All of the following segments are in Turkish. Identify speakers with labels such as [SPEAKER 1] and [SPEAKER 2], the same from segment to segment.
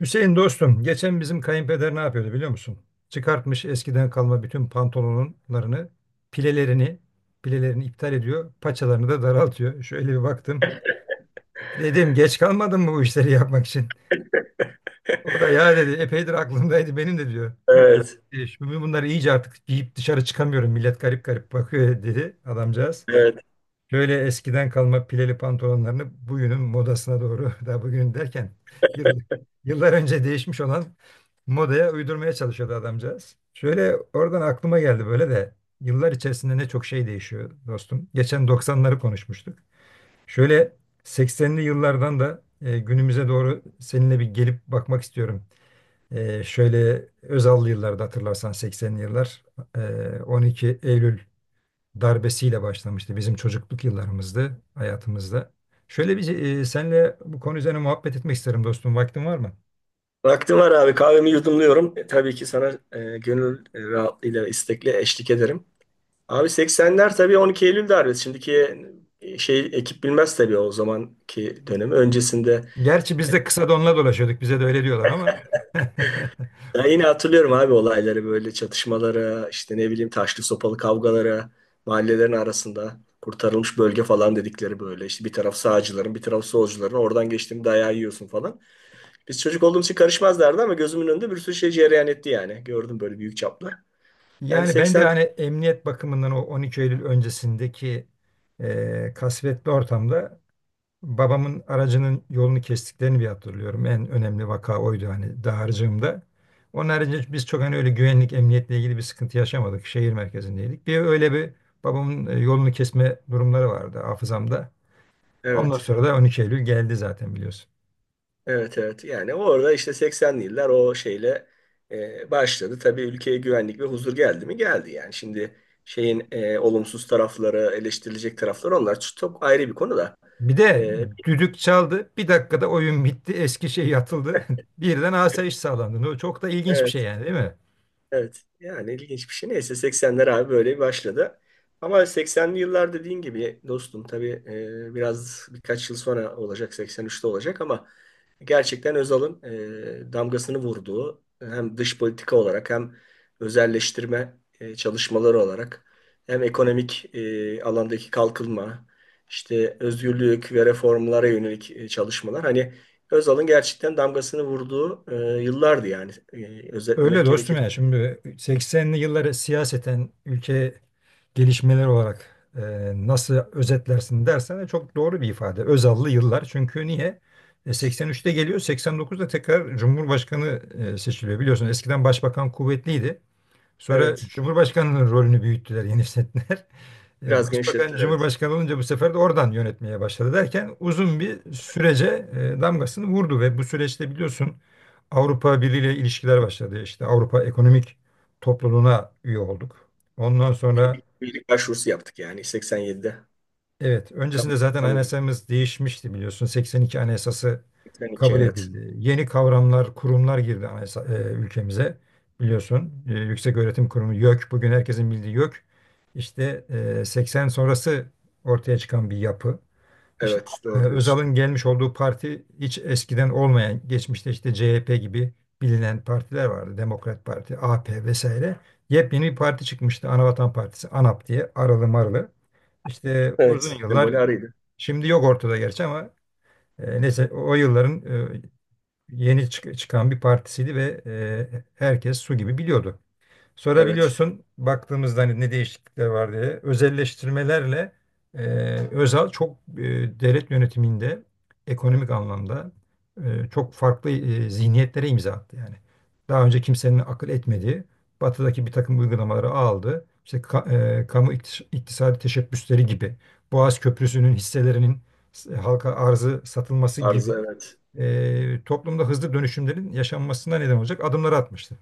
[SPEAKER 1] Hüseyin dostum, geçen bizim kayınpeder ne yapıyordu biliyor musun? Çıkartmış eskiden kalma bütün pantolonlarını, pilelerini, pilelerini iptal ediyor, paçalarını da daraltıyor. Şöyle bir baktım. Dedim, geç kalmadın mı bu işleri yapmak için? O da ya dedi epeydir aklımdaydı benim de diyor.
[SPEAKER 2] Evet,
[SPEAKER 1] Şimdi bunları iyice artık giyip dışarı çıkamıyorum. Millet garip garip bakıyor dedi adamcağız.
[SPEAKER 2] evet.
[SPEAKER 1] Şöyle eskiden kalma pileli pantolonlarını bugünün modasına doğru, daha bugün derken yıl- yıllar önce değişmiş olan modaya uydurmaya çalışıyordu adamcağız. Şöyle oradan aklıma geldi, böyle de yıllar içerisinde ne çok şey değişiyor dostum. Geçen 90'ları konuşmuştuk. Şöyle 80'li yıllardan da günümüze doğru seninle bir gelip bakmak istiyorum. Şöyle Özallı yıllarda hatırlarsan 80'li yıllar 12 Eylül darbesiyle başlamıştı bizim çocukluk yıllarımızda, hayatımızda. Şöyle bir senle bu konu üzerine muhabbet etmek isterim dostum. Vaktin var mı?
[SPEAKER 2] Vaktim var abi. Kahvemi yudumluyorum. Tabii ki sana gönül rahatlığıyla, istekle eşlik ederim. Abi 80'ler tabii 12 Eylül darbesi. Şimdiki şey ekip bilmez tabii o zamanki dönemi. Öncesinde
[SPEAKER 1] Gerçi biz de kısa donla dolaşıyorduk. Bize de öyle diyorlar ama.
[SPEAKER 2] ben yine hatırlıyorum abi olayları böyle çatışmalara, işte ne bileyim taşlı sopalı kavgalara, mahallelerin arasında kurtarılmış bölge falan dedikleri böyle. İşte bir taraf sağcıların, bir taraf solcuların. Oradan geçtiğinde dayağı yiyorsun falan. Biz çocuk olduğumuz için karışmazlardı ama gözümün önünde bir sürü şey cereyan etti yani. Gördüm böyle büyük çaplı. Yani
[SPEAKER 1] Yani ben de
[SPEAKER 2] 80,
[SPEAKER 1] hani emniyet bakımından o 12 Eylül öncesindeki kasvetli ortamda babamın aracının yolunu kestiklerini bir hatırlıyorum. En önemli vaka oydu hani dağarcığımda. Onun haricinde biz çok hani öyle güvenlik, emniyetle ilgili bir sıkıntı yaşamadık. Şehir merkezindeydik. Bir öyle bir babamın yolunu kesme durumları vardı hafızamda. Ondan
[SPEAKER 2] evet.
[SPEAKER 1] sonra da 12 Eylül geldi zaten, biliyorsun.
[SPEAKER 2] Evet, evet. Yani orada işte 80'li yıllar o şeyle başladı. Tabii ülkeye güvenlik ve huzur geldi mi? Geldi yani. Şimdi şeyin olumsuz tarafları, eleştirilecek tarafları onlar çok ayrı bir konu da.
[SPEAKER 1] Bir de
[SPEAKER 2] E,
[SPEAKER 1] düdük çaldı. Bir dakikada oyun bitti. Eski şey yatıldı. Birden asayiş sağlandı. O çok da ilginç bir şey
[SPEAKER 2] evet.
[SPEAKER 1] yani, değil mi?
[SPEAKER 2] Evet. Yani ilginç bir şey. Neyse 80'ler abi böyle başladı. Ama 80'li yıllar dediğin gibi dostum tabii biraz birkaç yıl sonra olacak, 83'te olacak, ama gerçekten Özal'ın damgasını vurduğu hem dış politika olarak hem özelleştirme çalışmaları olarak hem ekonomik alandaki kalkınma, işte özgürlük ve reformlara yönelik çalışmalar, hani Özal'ın gerçekten damgasını vurduğu yıllardı yani,
[SPEAKER 1] Öyle
[SPEAKER 2] özetlemek
[SPEAKER 1] dostum.
[SPEAKER 2] gerekir.
[SPEAKER 1] Ya şimdi 80'li yılları siyaseten ülke gelişmeler olarak nasıl özetlersin dersen de çok doğru bir ifade. Özallı yıllar. Çünkü niye? 83'te geliyor, 89'da tekrar Cumhurbaşkanı seçiliyor. Biliyorsun eskiden başbakan kuvvetliydi. Sonra
[SPEAKER 2] Evet.
[SPEAKER 1] Cumhurbaşkanı'nın rolünü büyüttüler, genişlettiler.
[SPEAKER 2] Biraz
[SPEAKER 1] Başbakan
[SPEAKER 2] genişlettiler, evet.
[SPEAKER 1] Cumhurbaşkanı olunca bu sefer de oradan yönetmeye başladı derken uzun bir sürece damgasını vurdu ve bu süreçte biliyorsun Avrupa Birliği ile ilişkiler başladı. İşte Avrupa Ekonomik Topluluğu'na üye olduk. Ondan sonra...
[SPEAKER 2] Üyelik, üyelik başvurusu yaptık yani 87'de.
[SPEAKER 1] Evet,
[SPEAKER 2] Tam,
[SPEAKER 1] öncesinde zaten
[SPEAKER 2] tam üyelik.
[SPEAKER 1] anayasamız değişmişti, biliyorsun. 82 Anayasası
[SPEAKER 2] 82,
[SPEAKER 1] kabul
[SPEAKER 2] evet.
[SPEAKER 1] edildi. Yeni kavramlar, kurumlar girdi anayasa, ülkemize, biliyorsun. Yüksek Öğretim Kurumu YÖK, bugün herkesin bildiği YÖK. İşte 80 sonrası ortaya çıkan bir yapı. İşte
[SPEAKER 2] Evet, doğru diyorsun.
[SPEAKER 1] Özal'ın gelmiş olduğu parti hiç eskiden olmayan, geçmişte işte CHP gibi bilinen partiler vardı. Demokrat Parti, AP vesaire. Yepyeni bir parti çıkmıştı. Anavatan Partisi, ANAP diye, aralı marlı. İşte uzun
[SPEAKER 2] Evet.
[SPEAKER 1] yıllar
[SPEAKER 2] Sembolü arıydı.
[SPEAKER 1] şimdi yok ortada gerçi ama neyse o yılların e, yeni çıkan bir partisiydi ve herkes su gibi biliyordu.
[SPEAKER 2] Evet.
[SPEAKER 1] Sorabiliyorsun baktığımızda hani ne değişiklikler var diye. Özelleştirmelerle e, Özal çok devlet yönetiminde ekonomik anlamda çok farklı zihniyetlere imza attı yani. Daha önce kimsenin akıl etmediği batıdaki bir takım uygulamaları aldı. İşte kamu iktisadi teşebbüsleri gibi, Boğaz Köprüsü'nün hisselerinin halka arzı satılması gibi
[SPEAKER 2] Arıza, evet.
[SPEAKER 1] toplumda hızlı dönüşümlerin yaşanmasına neden olacak adımları atmıştı.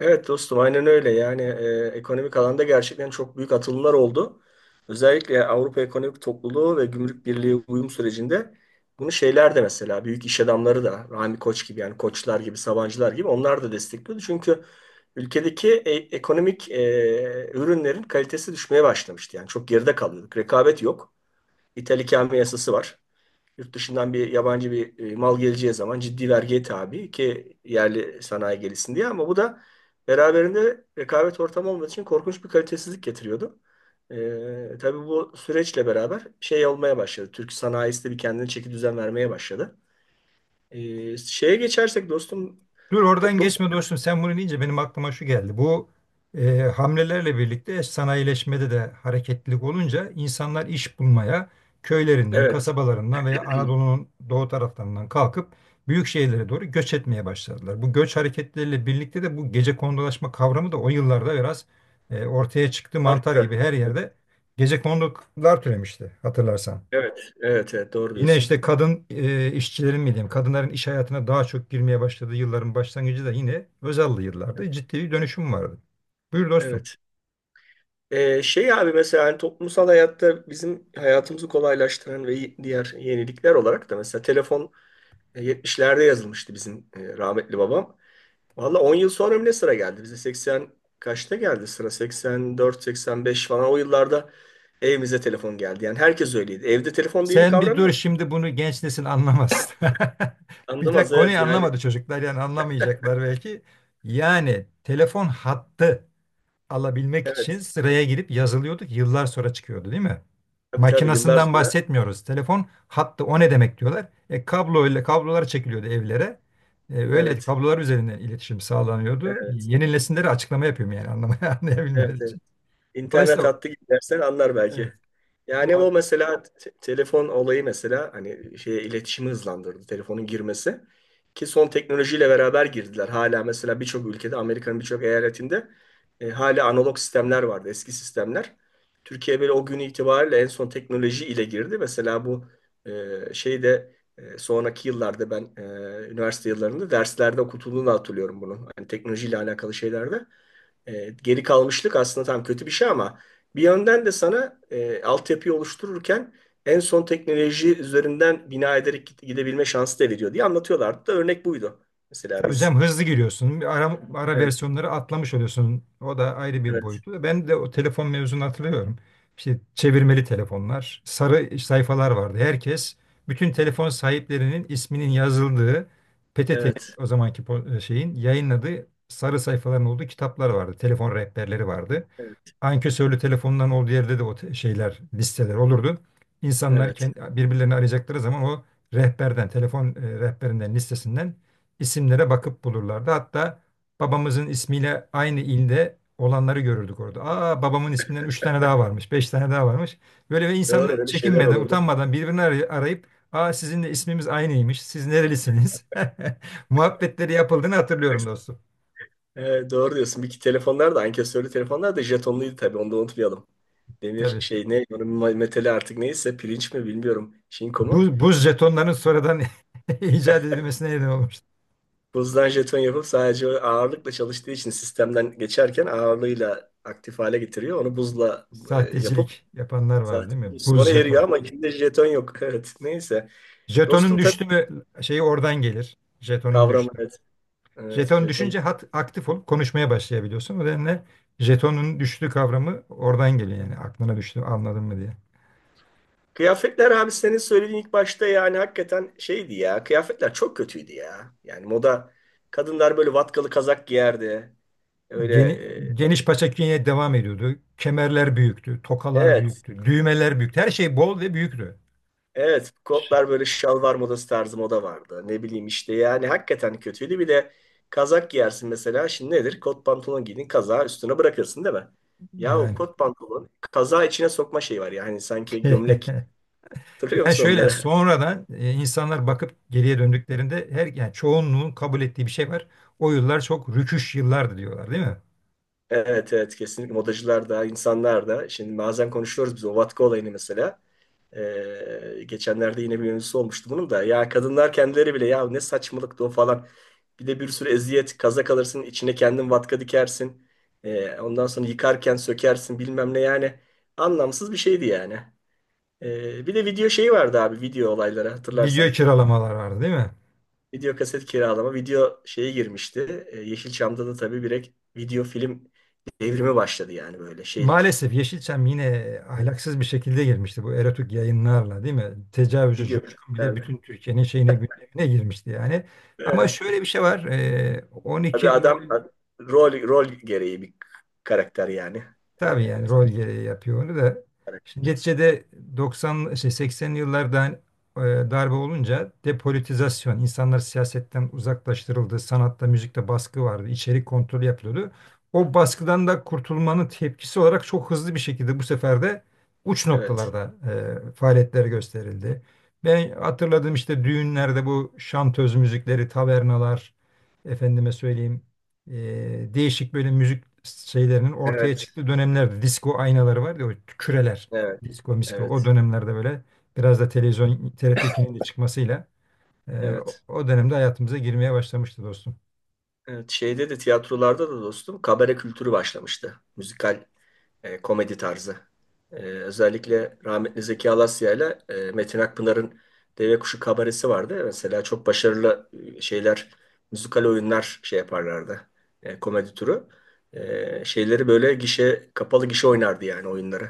[SPEAKER 2] Evet dostum, aynen öyle. Yani ekonomik alanda gerçekten çok büyük atılımlar oldu. Özellikle Avrupa Ekonomik Topluluğu ve Gümrük Birliği uyum sürecinde bunu şeyler de mesela büyük iş adamları da Rami Koç gibi, yani Koçlar gibi, Sabancılar gibi, onlar da destekliyordu. Çünkü ülkedeki ekonomik ürünlerin kalitesi düşmeye başlamıştı. Yani çok geride kalıyorduk. Rekabet yok. İthal ikame yasası var. Yurt dışından bir yabancı bir mal geleceği zaman ciddi vergiye tabi ki yerli sanayi gelişsin diye, ama bu da beraberinde rekabet ortamı olmadığı için korkunç bir kalitesizlik getiriyordu. Tabii bu süreçle beraber şey olmaya başladı. Türk sanayisi de bir kendine çeki düzen vermeye başladı. Şeye geçersek dostum
[SPEAKER 1] Dur oradan
[SPEAKER 2] toplum,
[SPEAKER 1] geçme dostum. Sen bunu deyince benim aklıma şu geldi. Bu hamlelerle birlikte sanayileşmede de hareketlilik olunca insanlar iş bulmaya köylerinden,
[SPEAKER 2] evet,
[SPEAKER 1] kasabalarından veya Anadolu'nun doğu taraflarından kalkıp büyük şehirlere doğru göç etmeye başladılar. Bu göç hareketleriyle birlikte de bu gecekondulaşma kavramı da o yıllarda biraz ortaya çıktı. Mantar
[SPEAKER 2] arttı.
[SPEAKER 1] gibi her
[SPEAKER 2] Evet,
[SPEAKER 1] yerde gecekondular türemişti, hatırlarsan.
[SPEAKER 2] evet, evet evet, doğru
[SPEAKER 1] Yine
[SPEAKER 2] diyorsun.
[SPEAKER 1] işte kadın işçilerin mi diyeyim, kadınların iş hayatına daha çok girmeye başladığı yılların başlangıcı da yine Özal'lı yıllarda ciddi bir dönüşüm vardı. Buyur dostum.
[SPEAKER 2] Evet. Şey abi mesela hani toplumsal hayatta bizim hayatımızı kolaylaştıran ve diğer yenilikler olarak da mesela telefon, 70'lerde yazılmıştı bizim rahmetli babam. Valla 10 yıl sonra mı ne sıra geldi? Bize 80 kaçta geldi sıra? 84, 85 falan o yıllarda evimize telefon geldi. Yani herkes öyleydi. Evde telefon diye bir
[SPEAKER 1] Sen bir
[SPEAKER 2] kavram
[SPEAKER 1] dur
[SPEAKER 2] yok.
[SPEAKER 1] şimdi, bunu genç nesil anlamaz. Bir de
[SPEAKER 2] Anlamaz,
[SPEAKER 1] konuyu
[SPEAKER 2] evet yani.
[SPEAKER 1] anlamadı çocuklar yani anlamayacaklar belki. Yani telefon hattı alabilmek için
[SPEAKER 2] Evet.
[SPEAKER 1] sıraya girip yazılıyorduk. Yıllar sonra çıkıyordu değil mi?
[SPEAKER 2] Tabii, tabii yıllar
[SPEAKER 1] Makinasından
[SPEAKER 2] sonra.
[SPEAKER 1] bahsetmiyoruz. Telefon hattı o ne demek diyorlar. Kablo ile kablolar çekiliyordu evlere. Öyle
[SPEAKER 2] Evet.
[SPEAKER 1] kablolar üzerinden iletişim sağlanıyordu.
[SPEAKER 2] Evet.
[SPEAKER 1] Yeni nesillere açıklama yapıyorum yani anlamaya
[SPEAKER 2] Evet.
[SPEAKER 1] anlayabilmeleri
[SPEAKER 2] Evet.
[SPEAKER 1] için.
[SPEAKER 2] İnternet
[SPEAKER 1] Dolayısıyla
[SPEAKER 2] hattı gidersen anlar belki.
[SPEAKER 1] evet,
[SPEAKER 2] Yani
[SPEAKER 1] o...
[SPEAKER 2] o, mesela telefon olayı, mesela hani şey iletişimi hızlandırdı telefonun girmesi, ki son teknolojiyle beraber girdiler. Hala mesela birçok ülkede Amerika'nın birçok eyaletinde hala analog sistemler vardı, eski sistemler. Türkiye böyle o gün itibariyle en son teknoloji ile girdi. Mesela bu şeyde sonraki yıllarda ben üniversite yıllarında derslerde okutulduğunu hatırlıyorum bunu. Hani teknolojiyle alakalı şeylerde. Geri kalmışlık aslında tam kötü bir şey ama bir yönden de sana altyapıyı oluştururken en son teknoloji üzerinden bina ederek gidebilme şansı da veriyor diye anlatıyorlardı da örnek buydu. Mesela
[SPEAKER 1] Tabii
[SPEAKER 2] biz,
[SPEAKER 1] canım hızlı giriyorsun. Ara
[SPEAKER 2] evet,
[SPEAKER 1] versiyonları atlamış oluyorsun. O da ayrı bir
[SPEAKER 2] evet,
[SPEAKER 1] boyutu. Ben de o telefon mevzunu hatırlıyorum. İşte çevirmeli telefonlar, sarı sayfalar vardı. Herkes, bütün telefon sahiplerinin isminin yazıldığı PTT'nin
[SPEAKER 2] evet,
[SPEAKER 1] o zamanki şeyin yayınladığı sarı sayfaların olduğu kitaplar vardı. Telefon rehberleri vardı,
[SPEAKER 2] evet,
[SPEAKER 1] ankesörlü telefonların olduğu yerde de o şeyler, listeler olurdu. İnsanlar
[SPEAKER 2] evet.
[SPEAKER 1] kendi, birbirlerini arayacakları zaman o rehberden, telefon rehberinden, listesinden isimlere bakıp bulurlardı. Hatta babamızın ismiyle aynı ilde olanları görürdük orada. Aa, babamın isminden üç tane daha varmış, beş tane daha varmış. Böyle ve insanlar
[SPEAKER 2] Doğru, öyle şeyler
[SPEAKER 1] çekinmeden,
[SPEAKER 2] olurdu.
[SPEAKER 1] utanmadan birbirini arayıp, aa sizin de ismimiz aynıymış. Siz nerelisiniz? Muhabbetleri yapıldığını hatırlıyorum dostum.
[SPEAKER 2] Evet, doğru diyorsun. Bir iki telefonlar da ankesörlü telefonlar da jetonluydu tabii, onu da unutmayalım. Demir
[SPEAKER 1] Tabii.
[SPEAKER 2] şey ne onun metali artık neyse pirinç mi bilmiyorum. Şinko mu?
[SPEAKER 1] Buz jetonların sonradan icat edilmesine neden olmuş.
[SPEAKER 2] Buzdan jeton yapıp sadece ağırlıkla çalıştığı için sistemden geçerken ağırlığıyla aktif hale getiriyor. Onu buzla yapıp,
[SPEAKER 1] Sahtecilik yapanlar var
[SPEAKER 2] zaten
[SPEAKER 1] değil mi?
[SPEAKER 2] buz
[SPEAKER 1] Buz
[SPEAKER 2] sonra eriyor
[SPEAKER 1] jeton.
[SPEAKER 2] ama içinde jeton yok. Evet. Neyse.
[SPEAKER 1] Jetonun
[SPEAKER 2] Dostum tabii
[SPEAKER 1] düştü mü şeyi oradan gelir. Jetonun
[SPEAKER 2] kavramı,
[SPEAKER 1] düştü.
[SPEAKER 2] evet. Evet,
[SPEAKER 1] Jeton
[SPEAKER 2] jeton.
[SPEAKER 1] düşünce hat aktif olup konuşmaya başlayabiliyorsun. O nedenle jetonun düştü kavramı oradan geliyor yani aklına düştü anladın mı diye.
[SPEAKER 2] Kıyafetler abi senin söylediğin ilk başta, yani hakikaten şeydi ya. Kıyafetler çok kötüydü ya. Yani moda, kadınlar böyle vatkalı kazak giyerdi. Öyle
[SPEAKER 1] Geni, geniş paça künye devam ediyordu. Kemerler büyüktü, tokalar
[SPEAKER 2] evet.
[SPEAKER 1] büyüktü, düğmeler büyüktü. Her şey bol ve büyüktü.
[SPEAKER 2] Evet, kotlar böyle şalvar modası tarzı moda vardı. Ne bileyim, işte yani hakikaten kötüydü. Bir de kazak giyersin mesela. Şimdi nedir? Kot pantolon giydin, kazağı üstüne bırakırsın değil mi? Ya o
[SPEAKER 1] Yani.
[SPEAKER 2] kot pantolon kazağı içine sokma şeyi var ya. Hani sanki gömlek. Hatırlıyor
[SPEAKER 1] Yani
[SPEAKER 2] musun
[SPEAKER 1] şöyle
[SPEAKER 2] onları?
[SPEAKER 1] sonradan insanlar bakıp geriye döndüklerinde her yani çoğunluğun kabul ettiği bir şey var. O yıllar çok rüküş yıllardı diyorlar değil mi?
[SPEAKER 2] Evet, evet, kesinlikle modacılar da insanlar da. Şimdi bazen konuşuyoruz biz o vatka olayını mesela. Geçenlerde yine bir mevzusu olmuştu bunun da. Ya kadınlar kendileri bile, ya ne saçmalıktı o falan. Bir de bir sürü eziyet, kaza kalırsın, içine kendin vatka dikersin. Ondan sonra yıkarken sökersin bilmem ne yani. Anlamsız bir şeydi yani. Bir de video şeyi vardı abi, video olayları
[SPEAKER 1] Video
[SPEAKER 2] hatırlarsan.
[SPEAKER 1] kiralamalar vardı değil mi?
[SPEAKER 2] Video kaset kiralama, video şeye girmişti. Yeşilçam'da da tabii direkt video film devrimi başladı yani, böyle şeylik.
[SPEAKER 1] Maalesef Yeşilçam yine ahlaksız bir şekilde girmişti bu erotik yayınlarla değil mi? Tecavüzcü
[SPEAKER 2] Video
[SPEAKER 1] Coşkun bile bütün
[SPEAKER 2] kasetlerde.
[SPEAKER 1] Türkiye'nin şeyine gündemine girmişti yani. Ama
[SPEAKER 2] Evet.
[SPEAKER 1] şöyle bir şey var. 12
[SPEAKER 2] Tabii adam
[SPEAKER 1] Eylül...
[SPEAKER 2] rol gereği bir karakter yani.
[SPEAKER 1] Tabii
[SPEAKER 2] Ee,
[SPEAKER 1] yani
[SPEAKER 2] san-
[SPEAKER 1] rol gereği yapıyor onu da. Şimdi neticede 90 şey 80'li yıllarda hani, darbe olunca depolitizasyon, insanlar siyasetten uzaklaştırıldı, sanatta, müzikte baskı vardı, içerik kontrolü yapılıyordu. O baskıdan da kurtulmanın tepkisi olarak çok hızlı bir şekilde bu sefer de uç
[SPEAKER 2] evet.
[SPEAKER 1] noktalarda faaliyetler gösterildi. Ben hatırladım işte düğünlerde bu şantöz müzikleri, tavernalar, efendime söyleyeyim değişik böyle müzik şeylerinin ortaya
[SPEAKER 2] Evet.
[SPEAKER 1] çıktığı dönemlerde disco aynaları var ya, o küreler,
[SPEAKER 2] Evet.
[SPEAKER 1] disco misko o
[SPEAKER 2] Evet.
[SPEAKER 1] dönemlerde böyle biraz da televizyon TRT2'nin de çıkmasıyla o
[SPEAKER 2] Evet.
[SPEAKER 1] o dönemde hayatımıza girmeye başlamıştı dostum.
[SPEAKER 2] Evet. Şeyde de tiyatrolarda da dostum kabare kültürü başlamıştı. Müzikal komedi tarzı. Özellikle rahmetli Zeki Alasya ile Metin Akpınar'ın Deve Kuşu kabaresi vardı. Mesela çok başarılı şeyler, müzikal oyunlar şey yaparlardı. Komedi türü. Şeyleri böyle gişe, kapalı gişe oynardı yani oyunları.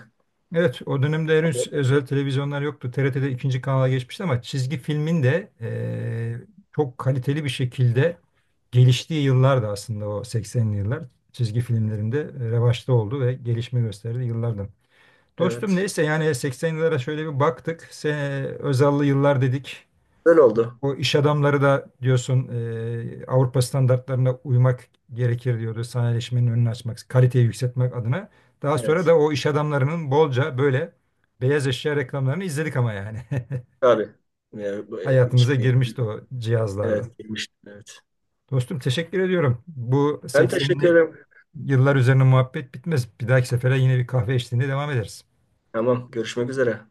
[SPEAKER 1] Evet o dönemde henüz özel televizyonlar yoktu. TRT'de ikinci kanala geçmişti ama çizgi filmin de çok kaliteli bir şekilde geliştiği yıllardı aslında o 80'li yıllar. Çizgi filmlerinde revaçta oldu ve gelişme gösterdi yıllardan. Dostum
[SPEAKER 2] Evet.
[SPEAKER 1] neyse yani 80 yıllara şöyle bir baktık. Özal'lı yıllar dedik.
[SPEAKER 2] Böyle oldu.
[SPEAKER 1] O iş adamları da diyorsun Avrupa standartlarına uymak gerekir diyordu sanayileşmenin önünü açmak, kaliteyi yükseltmek adına. Daha sonra
[SPEAKER 2] Evet.
[SPEAKER 1] da o iş adamlarının bolca böyle beyaz eşya reklamlarını izledik ama yani.
[SPEAKER 2] Tabii. Ya, bu,
[SPEAKER 1] Hayatımıza
[SPEAKER 2] ilişki.
[SPEAKER 1] girmişti o cihazlarda.
[SPEAKER 2] Evet, girmiştim, evet.
[SPEAKER 1] Dostum teşekkür ediyorum. Bu
[SPEAKER 2] Ben teşekkür
[SPEAKER 1] 80'li
[SPEAKER 2] ederim.
[SPEAKER 1] yıllar üzerine muhabbet bitmez. Bir dahaki sefere yine bir kahve eşliğinde devam ederiz.
[SPEAKER 2] Tamam. Görüşmek üzere.